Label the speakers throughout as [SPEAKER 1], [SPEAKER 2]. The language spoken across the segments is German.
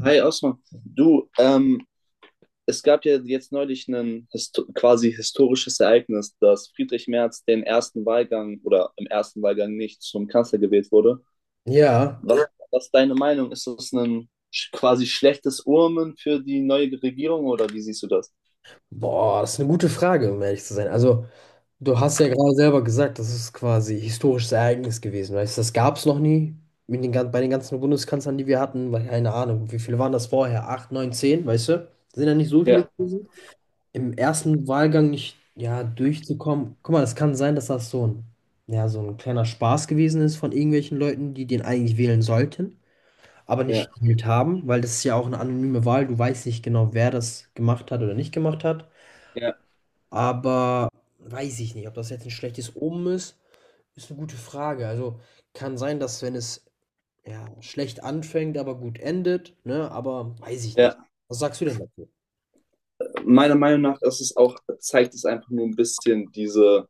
[SPEAKER 1] Hi Osman, du, ähm, es gab ja jetzt neulich ein histo quasi historisches Ereignis, dass Friedrich Merz den ersten Wahlgang oder im ersten Wahlgang nicht zum Kanzler gewählt wurde.
[SPEAKER 2] Ja,
[SPEAKER 1] Ja. Was ist deine Meinung? Ist das ein quasi schlechtes Omen für die neue Regierung oder wie siehst du das?
[SPEAKER 2] boah, das ist eine gute Frage, um ehrlich zu sein. Also, du hast ja gerade selber gesagt, das ist quasi historisches Ereignis gewesen, weißt du, das gab es noch nie mit den, bei den ganzen Bundeskanzlern, die wir hatten, weil keine Ahnung, wie viele waren das vorher? Acht, neun, zehn, weißt du? Sind ja nicht so viele
[SPEAKER 1] Ja,
[SPEAKER 2] gewesen. Im ersten Wahlgang nicht, ja, durchzukommen. Guck mal, es kann sein, dass das so ein, ja, so ein kleiner Spaß gewesen ist von irgendwelchen Leuten, die den eigentlich wählen sollten, aber nicht
[SPEAKER 1] ja,
[SPEAKER 2] gewählt haben, weil das ist ja auch eine anonyme Wahl, du weißt nicht genau, wer das gemacht hat oder nicht gemacht hat.
[SPEAKER 1] ja,
[SPEAKER 2] Aber weiß ich nicht, ob das jetzt ein schlechtes Omen ist, ist eine gute Frage. Also, kann sein, dass wenn es, ja, schlecht anfängt, aber gut endet, ne, aber weiß ich nicht.
[SPEAKER 1] ja.
[SPEAKER 2] Was sagst du denn dazu?
[SPEAKER 1] Meiner Meinung nach ist es auch, zeigt es einfach nur ein bisschen diese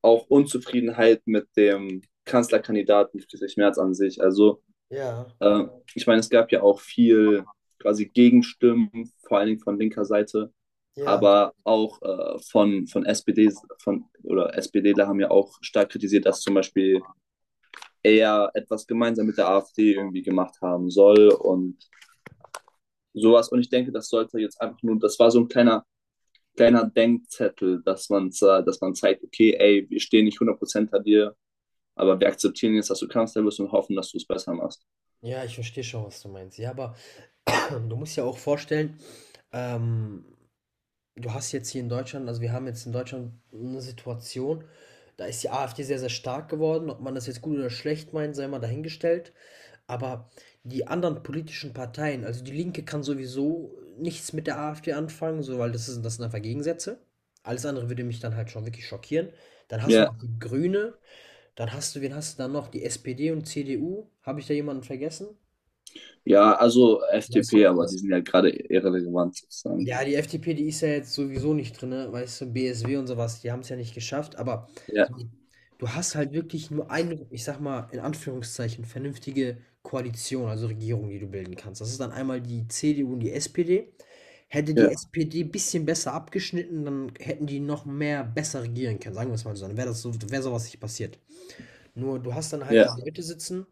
[SPEAKER 1] auch Unzufriedenheit mit dem Kanzlerkandidaten Friedrich Merz an sich. Also
[SPEAKER 2] Ja,
[SPEAKER 1] Äh, ich meine, es gab ja auch viel quasi Gegenstimmen, vor allen Dingen von linker Seite,
[SPEAKER 2] ja.
[SPEAKER 1] aber auch von SPD oder SPDler haben ja auch stark kritisiert, dass zum Beispiel er etwas gemeinsam mit der AfD irgendwie gemacht haben soll und sowas. Und ich denke, das sollte jetzt einfach nur, das war so ein kleiner, kleiner Denkzettel, dass man zeigt, okay, ey, wir stehen nicht 100% hinter dir, aber wir akzeptieren jetzt, dass du Kanzler bist und hoffen, dass du es besser machst.
[SPEAKER 2] Ja, ich verstehe schon, was du meinst. Ja, aber du musst ja auch vorstellen, ähm, du hast jetzt hier in Deutschland, also, wir haben jetzt in Deutschland eine Situation, da ist die AfD sehr, sehr stark geworden. Ob man das jetzt gut oder schlecht meint, sei mal dahingestellt. Aber die anderen politischen Parteien, also die Linke kann sowieso nichts mit der AfD anfangen, so, weil das ist, das sind einfach Gegensätze. Alles andere würde mich dann halt schon wirklich schockieren. Dann hast du
[SPEAKER 1] Ja,
[SPEAKER 2] noch die Grüne, dann hast du, wen hast du dann noch? Die SPD und CDU. Habe ich da jemanden vergessen?
[SPEAKER 1] ja, also
[SPEAKER 2] Weiß
[SPEAKER 1] FDP, aber die sind ja gerade irrelevant sozusagen.
[SPEAKER 2] Ja, die FDP, die ist ja jetzt sowieso nicht drin, ne? Weißt du, BSW und sowas, die haben es ja nicht geschafft, aber
[SPEAKER 1] Ja,
[SPEAKER 2] so, du hast halt wirklich nur eine, ich sag mal, in Anführungszeichen, vernünftige Koalition, also Regierung, die du bilden kannst. Das ist dann einmal die CDU und die SPD. Hätte die
[SPEAKER 1] ja,
[SPEAKER 2] SPD ein bisschen besser abgeschnitten, dann hätten die noch mehr besser regieren können, sagen wir es mal so. Dann wäre das so, wäre sowas nicht passiert. Nur du hast dann halt
[SPEAKER 1] ja,
[SPEAKER 2] da Leute sitzen,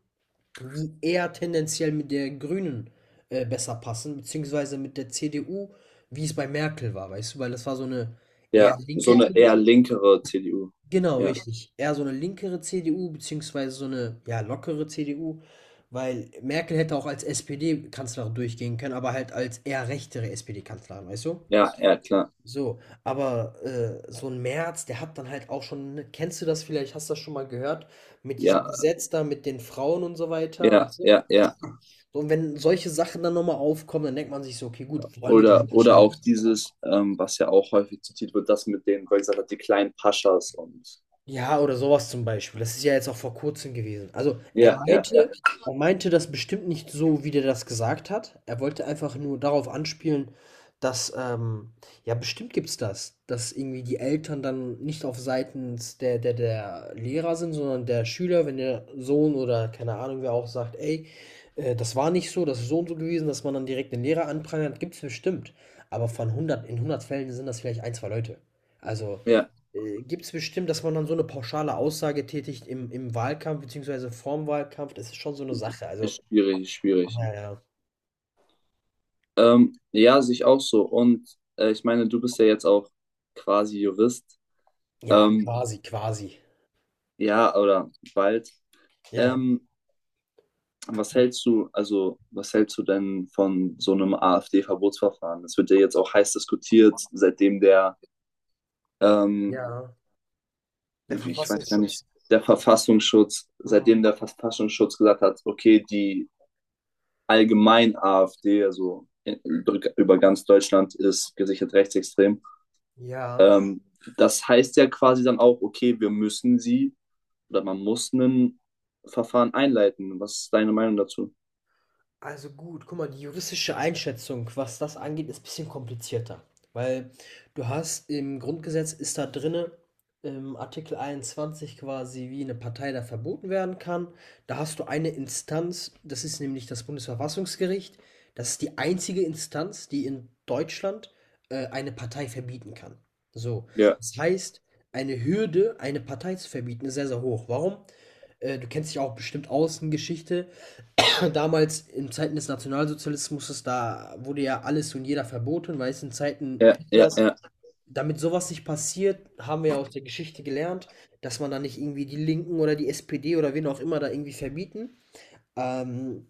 [SPEAKER 2] die eher tendenziell mit der Grünen besser passen, beziehungsweise mit der CDU, wie es bei Merkel war, weißt du, weil das war so eine
[SPEAKER 1] ja.
[SPEAKER 2] eher
[SPEAKER 1] So
[SPEAKER 2] linke
[SPEAKER 1] eine eher
[SPEAKER 2] CDU.
[SPEAKER 1] linkere CDU.
[SPEAKER 2] Genau,
[SPEAKER 1] Ja,
[SPEAKER 2] richtig. Eher so eine linkere CDU, beziehungsweise so eine, ja, lockere CDU, weil Merkel hätte auch als SPD-Kanzlerin durchgehen können, aber halt als eher rechtere SPD-Kanzlerin, weißt du?
[SPEAKER 1] ja, ja, klar.
[SPEAKER 2] So, aber so ein Merz, der hat dann halt auch schon, ne, kennst du das vielleicht, hast du das schon mal gehört, mit diesem
[SPEAKER 1] Ja,
[SPEAKER 2] Gesetz da, mit den Frauen und so weiter,
[SPEAKER 1] ja, ja, ja.
[SPEAKER 2] so, und wenn solche Sachen dann nochmal aufkommen, dann denkt man sich so: „Okay, gut, wollen wir die wirklich
[SPEAKER 1] Oder auch
[SPEAKER 2] haben?“
[SPEAKER 1] dieses, was ja auch häufig zitiert wird, das mit den, weil gesagt hat, die kleinen Paschas und
[SPEAKER 2] Ja, oder sowas zum Beispiel. Das ist ja jetzt auch vor Kurzem gewesen. Also, er Ja.
[SPEAKER 1] ja, ja,
[SPEAKER 2] meinte
[SPEAKER 1] ja,
[SPEAKER 2] er meinte das bestimmt nicht so, wie der das gesagt hat. Er wollte einfach nur darauf anspielen, dass, ja, bestimmt gibt's das, dass irgendwie die Eltern dann nicht auf seitens der Lehrer sind, sondern der Schüler, wenn der Sohn oder keine Ahnung wer auch sagt: „Ey, das war nicht so, das ist so und so gewesen“, dass man dann direkt den Lehrer anprangert, gibt's bestimmt. Aber von hundert in hundert Fällen sind das vielleicht ein 2 Leute. Also
[SPEAKER 1] ja,
[SPEAKER 2] gibt es bestimmt, dass man dann so eine pauschale Aussage tätigt im Wahlkampf beziehungsweise vorm Wahlkampf, das ist schon so eine Sache. Also
[SPEAKER 1] ist schwierig, ist schwierig.
[SPEAKER 2] ja, ja.
[SPEAKER 1] Ja, sehe ich auch so. Und ich meine, du bist ja jetzt auch quasi Jurist.
[SPEAKER 2] Ja,
[SPEAKER 1] Ähm,
[SPEAKER 2] quasi, quasi.
[SPEAKER 1] ja, oder bald.
[SPEAKER 2] Ja.
[SPEAKER 1] Ähm, also was hältst du denn von so einem AfD-Verbotsverfahren? Das wird ja jetzt auch heiß diskutiert, seitdem der, ähm,
[SPEAKER 2] Ja, der
[SPEAKER 1] ich weiß gar nicht,
[SPEAKER 2] Verfassungsschutz.
[SPEAKER 1] der Verfassungsschutz, seitdem der
[SPEAKER 2] Mhm.
[SPEAKER 1] Verfassungsschutz gesagt hat, okay, die allgemein AfD, also über ganz Deutschland ist gesichert rechtsextrem.
[SPEAKER 2] Ja.
[SPEAKER 1] Ähm, das heißt ja quasi dann auch, okay, wir müssen sie oder man muss ein Verfahren einleiten. Was ist deine Meinung dazu?
[SPEAKER 2] Also gut, guck mal, die juristische Einschätzung, was das angeht, ist ein bisschen komplizierter. Weil du hast, im Grundgesetz ist da drinne im Artikel 21 quasi, wie eine Partei da verboten werden kann. Da hast du eine Instanz, das ist nämlich das Bundesverfassungsgericht. Das ist die einzige Instanz, die in Deutschland eine Partei verbieten kann. So,
[SPEAKER 1] Ja,
[SPEAKER 2] das heißt, eine Hürde, eine Partei zu verbieten, ist sehr, sehr hoch. Warum? Du kennst dich auch bestimmt aus in Geschichte. Damals in Zeiten des Nationalsozialismus, ist da, wurde ja alles und jeder verboten, weil es in Zeiten
[SPEAKER 1] ja, ja,
[SPEAKER 2] Hitlers,
[SPEAKER 1] ja,
[SPEAKER 2] damit sowas nicht passiert, haben wir ja aus der Geschichte gelernt, dass man da nicht irgendwie die Linken oder die SPD oder wen auch immer da irgendwie verbieten, ähm,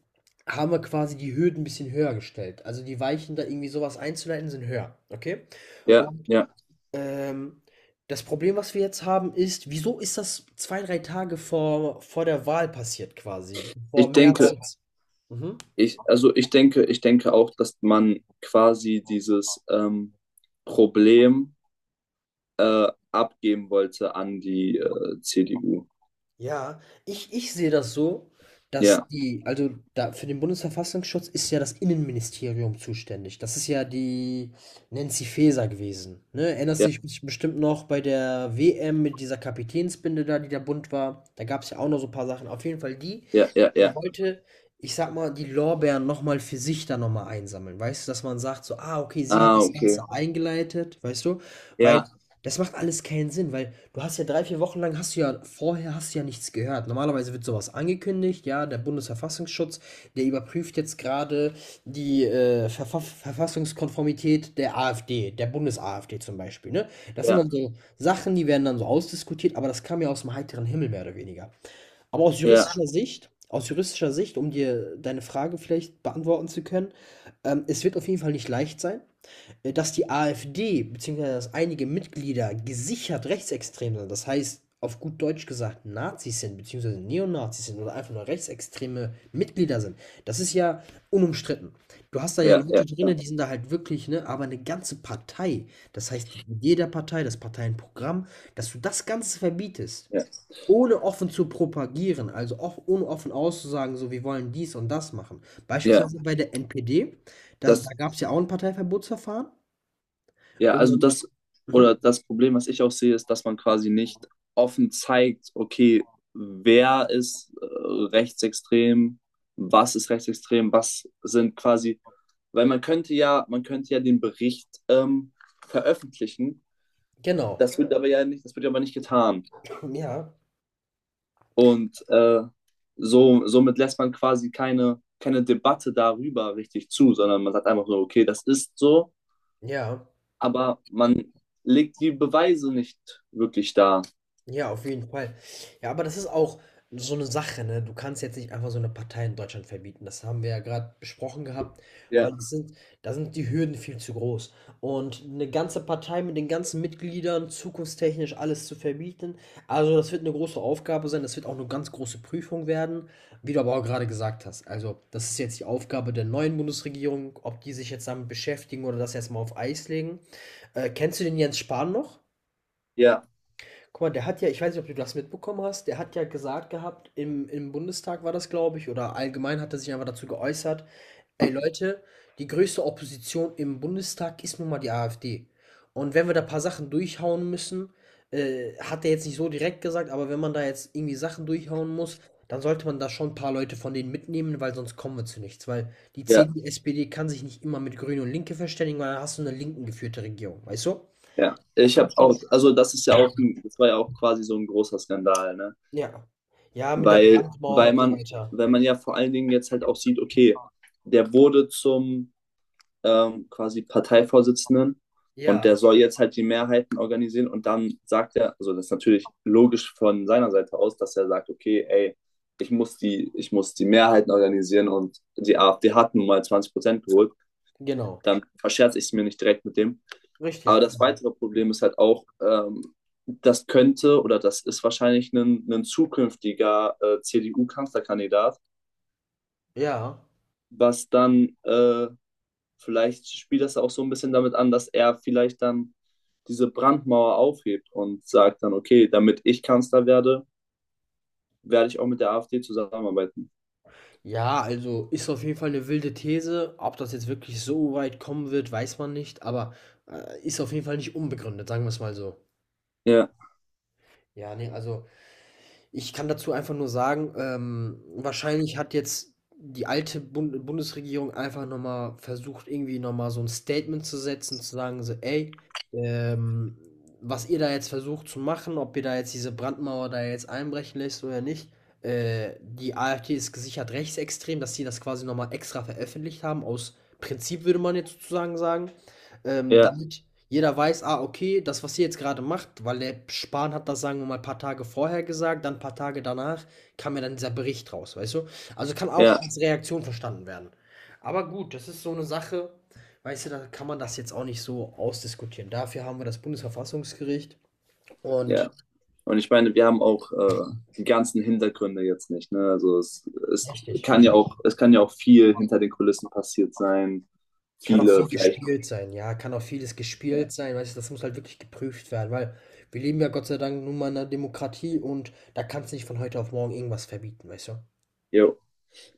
[SPEAKER 2] haben wir quasi die Hürden ein bisschen höher gestellt. Also die Weichen, da irgendwie sowas einzuleiten, sind höher. Okay?
[SPEAKER 1] ja,
[SPEAKER 2] Und
[SPEAKER 1] ja.
[SPEAKER 2] ähm, das Problem, was wir jetzt haben, ist, wieso ist das zwei, drei Tage vor, vor der Wahl passiert quasi? Vor
[SPEAKER 1] Ich
[SPEAKER 2] März
[SPEAKER 1] denke,
[SPEAKER 2] jetzt. Mhm.
[SPEAKER 1] also ich denke auch, dass man quasi dieses Problem äh, abgeben wollte an die CDU.
[SPEAKER 2] Ja, ich sehe das so, dass
[SPEAKER 1] Ja,
[SPEAKER 2] die, also da, für den Bundesverfassungsschutz ist ja das Innenministerium zuständig. Das ist ja die Nancy Faeser gewesen. Ne? Erinnerst
[SPEAKER 1] ja,
[SPEAKER 2] du dich bestimmt noch bei der WM mit dieser Kapitänsbinde da, die da bunt war? Da gab es ja auch noch so ein paar Sachen. Auf jeden Fall die
[SPEAKER 1] ja, ja,
[SPEAKER 2] die
[SPEAKER 1] ja.
[SPEAKER 2] wollte, ich sag mal, die Lorbeeren noch mal für sich dann noch mal einsammeln, weißt du? Dass man sagt so: „Ah, okay, sie hat
[SPEAKER 1] Ah,
[SPEAKER 2] das Mhm.
[SPEAKER 1] okay.
[SPEAKER 2] Ganze eingeleitet“, weißt du? Weil
[SPEAKER 1] Ja,
[SPEAKER 2] das macht alles keinen Sinn, weil du hast ja 3 4 Wochen lang, hast du ja vorher, hast du ja nichts gehört. Normalerweise wird sowas angekündigt, ja, der Bundesverfassungsschutz, der überprüft jetzt gerade die, Verfassungskonformität der AfD, der Bundes-AfD zum Beispiel, ne? Das sind
[SPEAKER 1] ja,
[SPEAKER 2] dann so Sachen, die werden dann so ausdiskutiert, aber das kam ja aus dem heiteren Himmel mehr oder weniger. Aber aus
[SPEAKER 1] ja,
[SPEAKER 2] juristischer Sicht aus juristischer Sicht, um dir deine Frage vielleicht beantworten zu können, es wird auf jeden Fall nicht leicht sein, dass die AfD beziehungsweise dass einige Mitglieder gesichert rechtsextrem sind. Das heißt, auf gut Deutsch gesagt, Nazis sind, beziehungsweise Neonazis sind oder einfach nur rechtsextreme Mitglieder sind. Das ist ja unumstritten. Du hast da ja
[SPEAKER 1] ja, ja,
[SPEAKER 2] Leute
[SPEAKER 1] ja,
[SPEAKER 2] drin, die sind da halt wirklich, ne, aber eine ganze Partei, das heißt die Idee der Partei, das Parteienprogramm, dass du das Ganze verbietest,
[SPEAKER 1] ja.
[SPEAKER 2] ohne offen zu propagieren, also auch ohne offen auszusagen, so: wir wollen dies und das machen.
[SPEAKER 1] Ja,
[SPEAKER 2] Beispielsweise bei der NPD, da
[SPEAKER 1] das,
[SPEAKER 2] gab es ja auch ein Parteiverbotsverfahren,
[SPEAKER 1] ja,
[SPEAKER 2] und mhm,
[SPEAKER 1] oder das Problem, was ich auch sehe, ist, dass man quasi nicht offen zeigt, okay, wer ist rechtsextrem, was ist rechtsextrem, was sind quasi Weil man könnte ja den Bericht veröffentlichen.
[SPEAKER 2] genau,
[SPEAKER 1] Das wird ja aber nicht getan.
[SPEAKER 2] ja,
[SPEAKER 1] Und somit lässt man quasi keine Debatte darüber richtig zu, sondern man sagt einfach nur okay, das ist so,
[SPEAKER 2] ja.
[SPEAKER 1] aber man legt die Beweise nicht wirklich dar.
[SPEAKER 2] Ja, auf jeden Fall. Ja, aber das ist auch so eine Sache, ne? Du kannst jetzt nicht einfach so eine Partei in Deutschland verbieten. Das haben wir ja gerade besprochen gehabt, weil
[SPEAKER 1] Ja,
[SPEAKER 2] es sind, da sind die Hürden viel zu groß. Und eine ganze Partei mit den ganzen Mitgliedern zukunftstechnisch alles zu verbieten, also, das wird eine große Aufgabe sein. Das wird auch eine ganz große Prüfung werden, wie du aber auch gerade gesagt hast. Also, das ist jetzt die Aufgabe der neuen Bundesregierung, ob die sich jetzt damit beschäftigen oder das erstmal auf Eis legen. Kennst du den Jens Spahn noch?
[SPEAKER 1] ja,
[SPEAKER 2] Guck mal, der hat ja, ich weiß nicht, ob du das mitbekommen hast, der hat ja gesagt gehabt, im Bundestag war das, glaube ich, oder allgemein hat er sich einfach dazu geäußert: „Ey Leute, die größte Opposition im Bundestag ist nun mal die AfD. Und wenn wir da ein paar Sachen durchhauen müssen“, hat er jetzt nicht so direkt gesagt, aber wenn man da jetzt irgendwie Sachen durchhauen muss, dann sollte man da schon ein paar Leute von denen mitnehmen, weil sonst kommen wir zu nichts. Weil die
[SPEAKER 1] ja,
[SPEAKER 2] CDU, SPD kann sich nicht immer mit Grüne und Linke verständigen, weil dann hast du eine linken geführte Regierung, weißt du?
[SPEAKER 1] ja.
[SPEAKER 2] Das
[SPEAKER 1] Ich
[SPEAKER 2] muss
[SPEAKER 1] habe auch,
[SPEAKER 2] schon.
[SPEAKER 1] also das ist ja auch, das war ja auch quasi so ein großer Skandal, ne?
[SPEAKER 2] Ja. Ja, mit der
[SPEAKER 1] Weil,
[SPEAKER 2] Brandmauer
[SPEAKER 1] weil
[SPEAKER 2] und so
[SPEAKER 1] man,
[SPEAKER 2] weiter.
[SPEAKER 1] weil man ja vor allen Dingen jetzt halt auch sieht, okay, der wurde zum quasi Parteivorsitzenden und
[SPEAKER 2] Ja,
[SPEAKER 1] der soll jetzt halt die Mehrheiten organisieren und dann sagt er, also das ist natürlich logisch von seiner Seite aus, dass er sagt, okay, ey, ich muss die Mehrheiten organisieren und die AfD hat nun mal 20% geholt,
[SPEAKER 2] genau.
[SPEAKER 1] dann verscherze ich es mir nicht direkt mit dem. Aber
[SPEAKER 2] Richtig,
[SPEAKER 1] das
[SPEAKER 2] genau.
[SPEAKER 1] weitere Problem ist halt auch, das könnte oder das ist wahrscheinlich ein zukünftiger CDU-Kanzlerkandidat,
[SPEAKER 2] Ja.
[SPEAKER 1] was dann vielleicht spielt das auch so ein bisschen damit an, dass er vielleicht dann diese Brandmauer aufhebt und sagt dann, okay, damit ich Kanzler werde, werde ich auch mit der AfD zusammenarbeiten.
[SPEAKER 2] Ja, also ist auf jeden Fall eine wilde These. Ob das jetzt wirklich so weit kommen wird, weiß man nicht, aber, ist auf jeden Fall nicht unbegründet, sagen wir es mal so.
[SPEAKER 1] Ja,
[SPEAKER 2] Ja, ne, also ich kann dazu einfach nur sagen, wahrscheinlich hat jetzt die alte Bundesregierung einfach nochmal versucht, irgendwie nochmal so ein Statement zu setzen, zu sagen so: „Ey, ähm, was ihr da jetzt versucht zu machen, ob ihr da jetzt diese Brandmauer da jetzt einbrechen lässt oder nicht, die AfD ist gesichert rechtsextrem“, dass sie das quasi nochmal extra veröffentlicht haben, aus Prinzip würde man jetzt sozusagen sagen,
[SPEAKER 1] ja,
[SPEAKER 2] damit jeder weiß, ah, okay, das, was ihr jetzt gerade macht, weil der Spahn hat das, sagen wir mal, ein paar Tage vorher gesagt, dann ein paar Tage danach kam ja dann dieser Bericht raus, weißt du? Also kann auch
[SPEAKER 1] ja,
[SPEAKER 2] als Reaktion verstanden werden. Aber gut, das ist so eine Sache, weißt du, da kann man das jetzt auch nicht so ausdiskutieren. Dafür haben wir das Bundesverfassungsgericht. Und
[SPEAKER 1] ja. Und ich meine, wir haben auch die ganzen Hintergründe jetzt nicht. Ne? Also es
[SPEAKER 2] richtig.
[SPEAKER 1] kann ja auch, es kann ja auch viel hinter den Kulissen passiert sein.
[SPEAKER 2] Kann auch
[SPEAKER 1] Viele
[SPEAKER 2] viel
[SPEAKER 1] vielleicht.
[SPEAKER 2] gespielt sein, ja, kann auch vieles
[SPEAKER 1] Ja.
[SPEAKER 2] gespielt sein, weißt du, das muss halt wirklich geprüft werden, weil wir leben ja Gott sei Dank nun mal in einer Demokratie und da kannst du nicht von heute auf morgen irgendwas verbieten, weißt du?
[SPEAKER 1] Jo.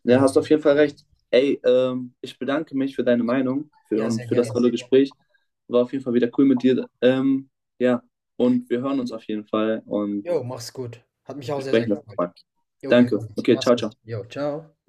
[SPEAKER 1] Ja,
[SPEAKER 2] Ja.
[SPEAKER 1] hast auf jeden Fall recht. Ey, ich bedanke mich für deine Meinung
[SPEAKER 2] Ja,
[SPEAKER 1] und
[SPEAKER 2] sehr
[SPEAKER 1] für das Sehr,
[SPEAKER 2] gerne.
[SPEAKER 1] tolle sehr gerne. Gespräch. War auf jeden Fall wieder cool mit dir. Ja, und wir hören uns auf jeden Fall und
[SPEAKER 2] Jo, mach's gut. Hat mich auch
[SPEAKER 1] wir
[SPEAKER 2] sehr, sehr
[SPEAKER 1] sprechen das
[SPEAKER 2] gefreut.
[SPEAKER 1] nochmal.
[SPEAKER 2] Jo, wir
[SPEAKER 1] Danke.
[SPEAKER 2] hören uns.
[SPEAKER 1] Okay,
[SPEAKER 2] Mach's
[SPEAKER 1] ciao,
[SPEAKER 2] gut.
[SPEAKER 1] ciao.
[SPEAKER 2] Jo, ciao.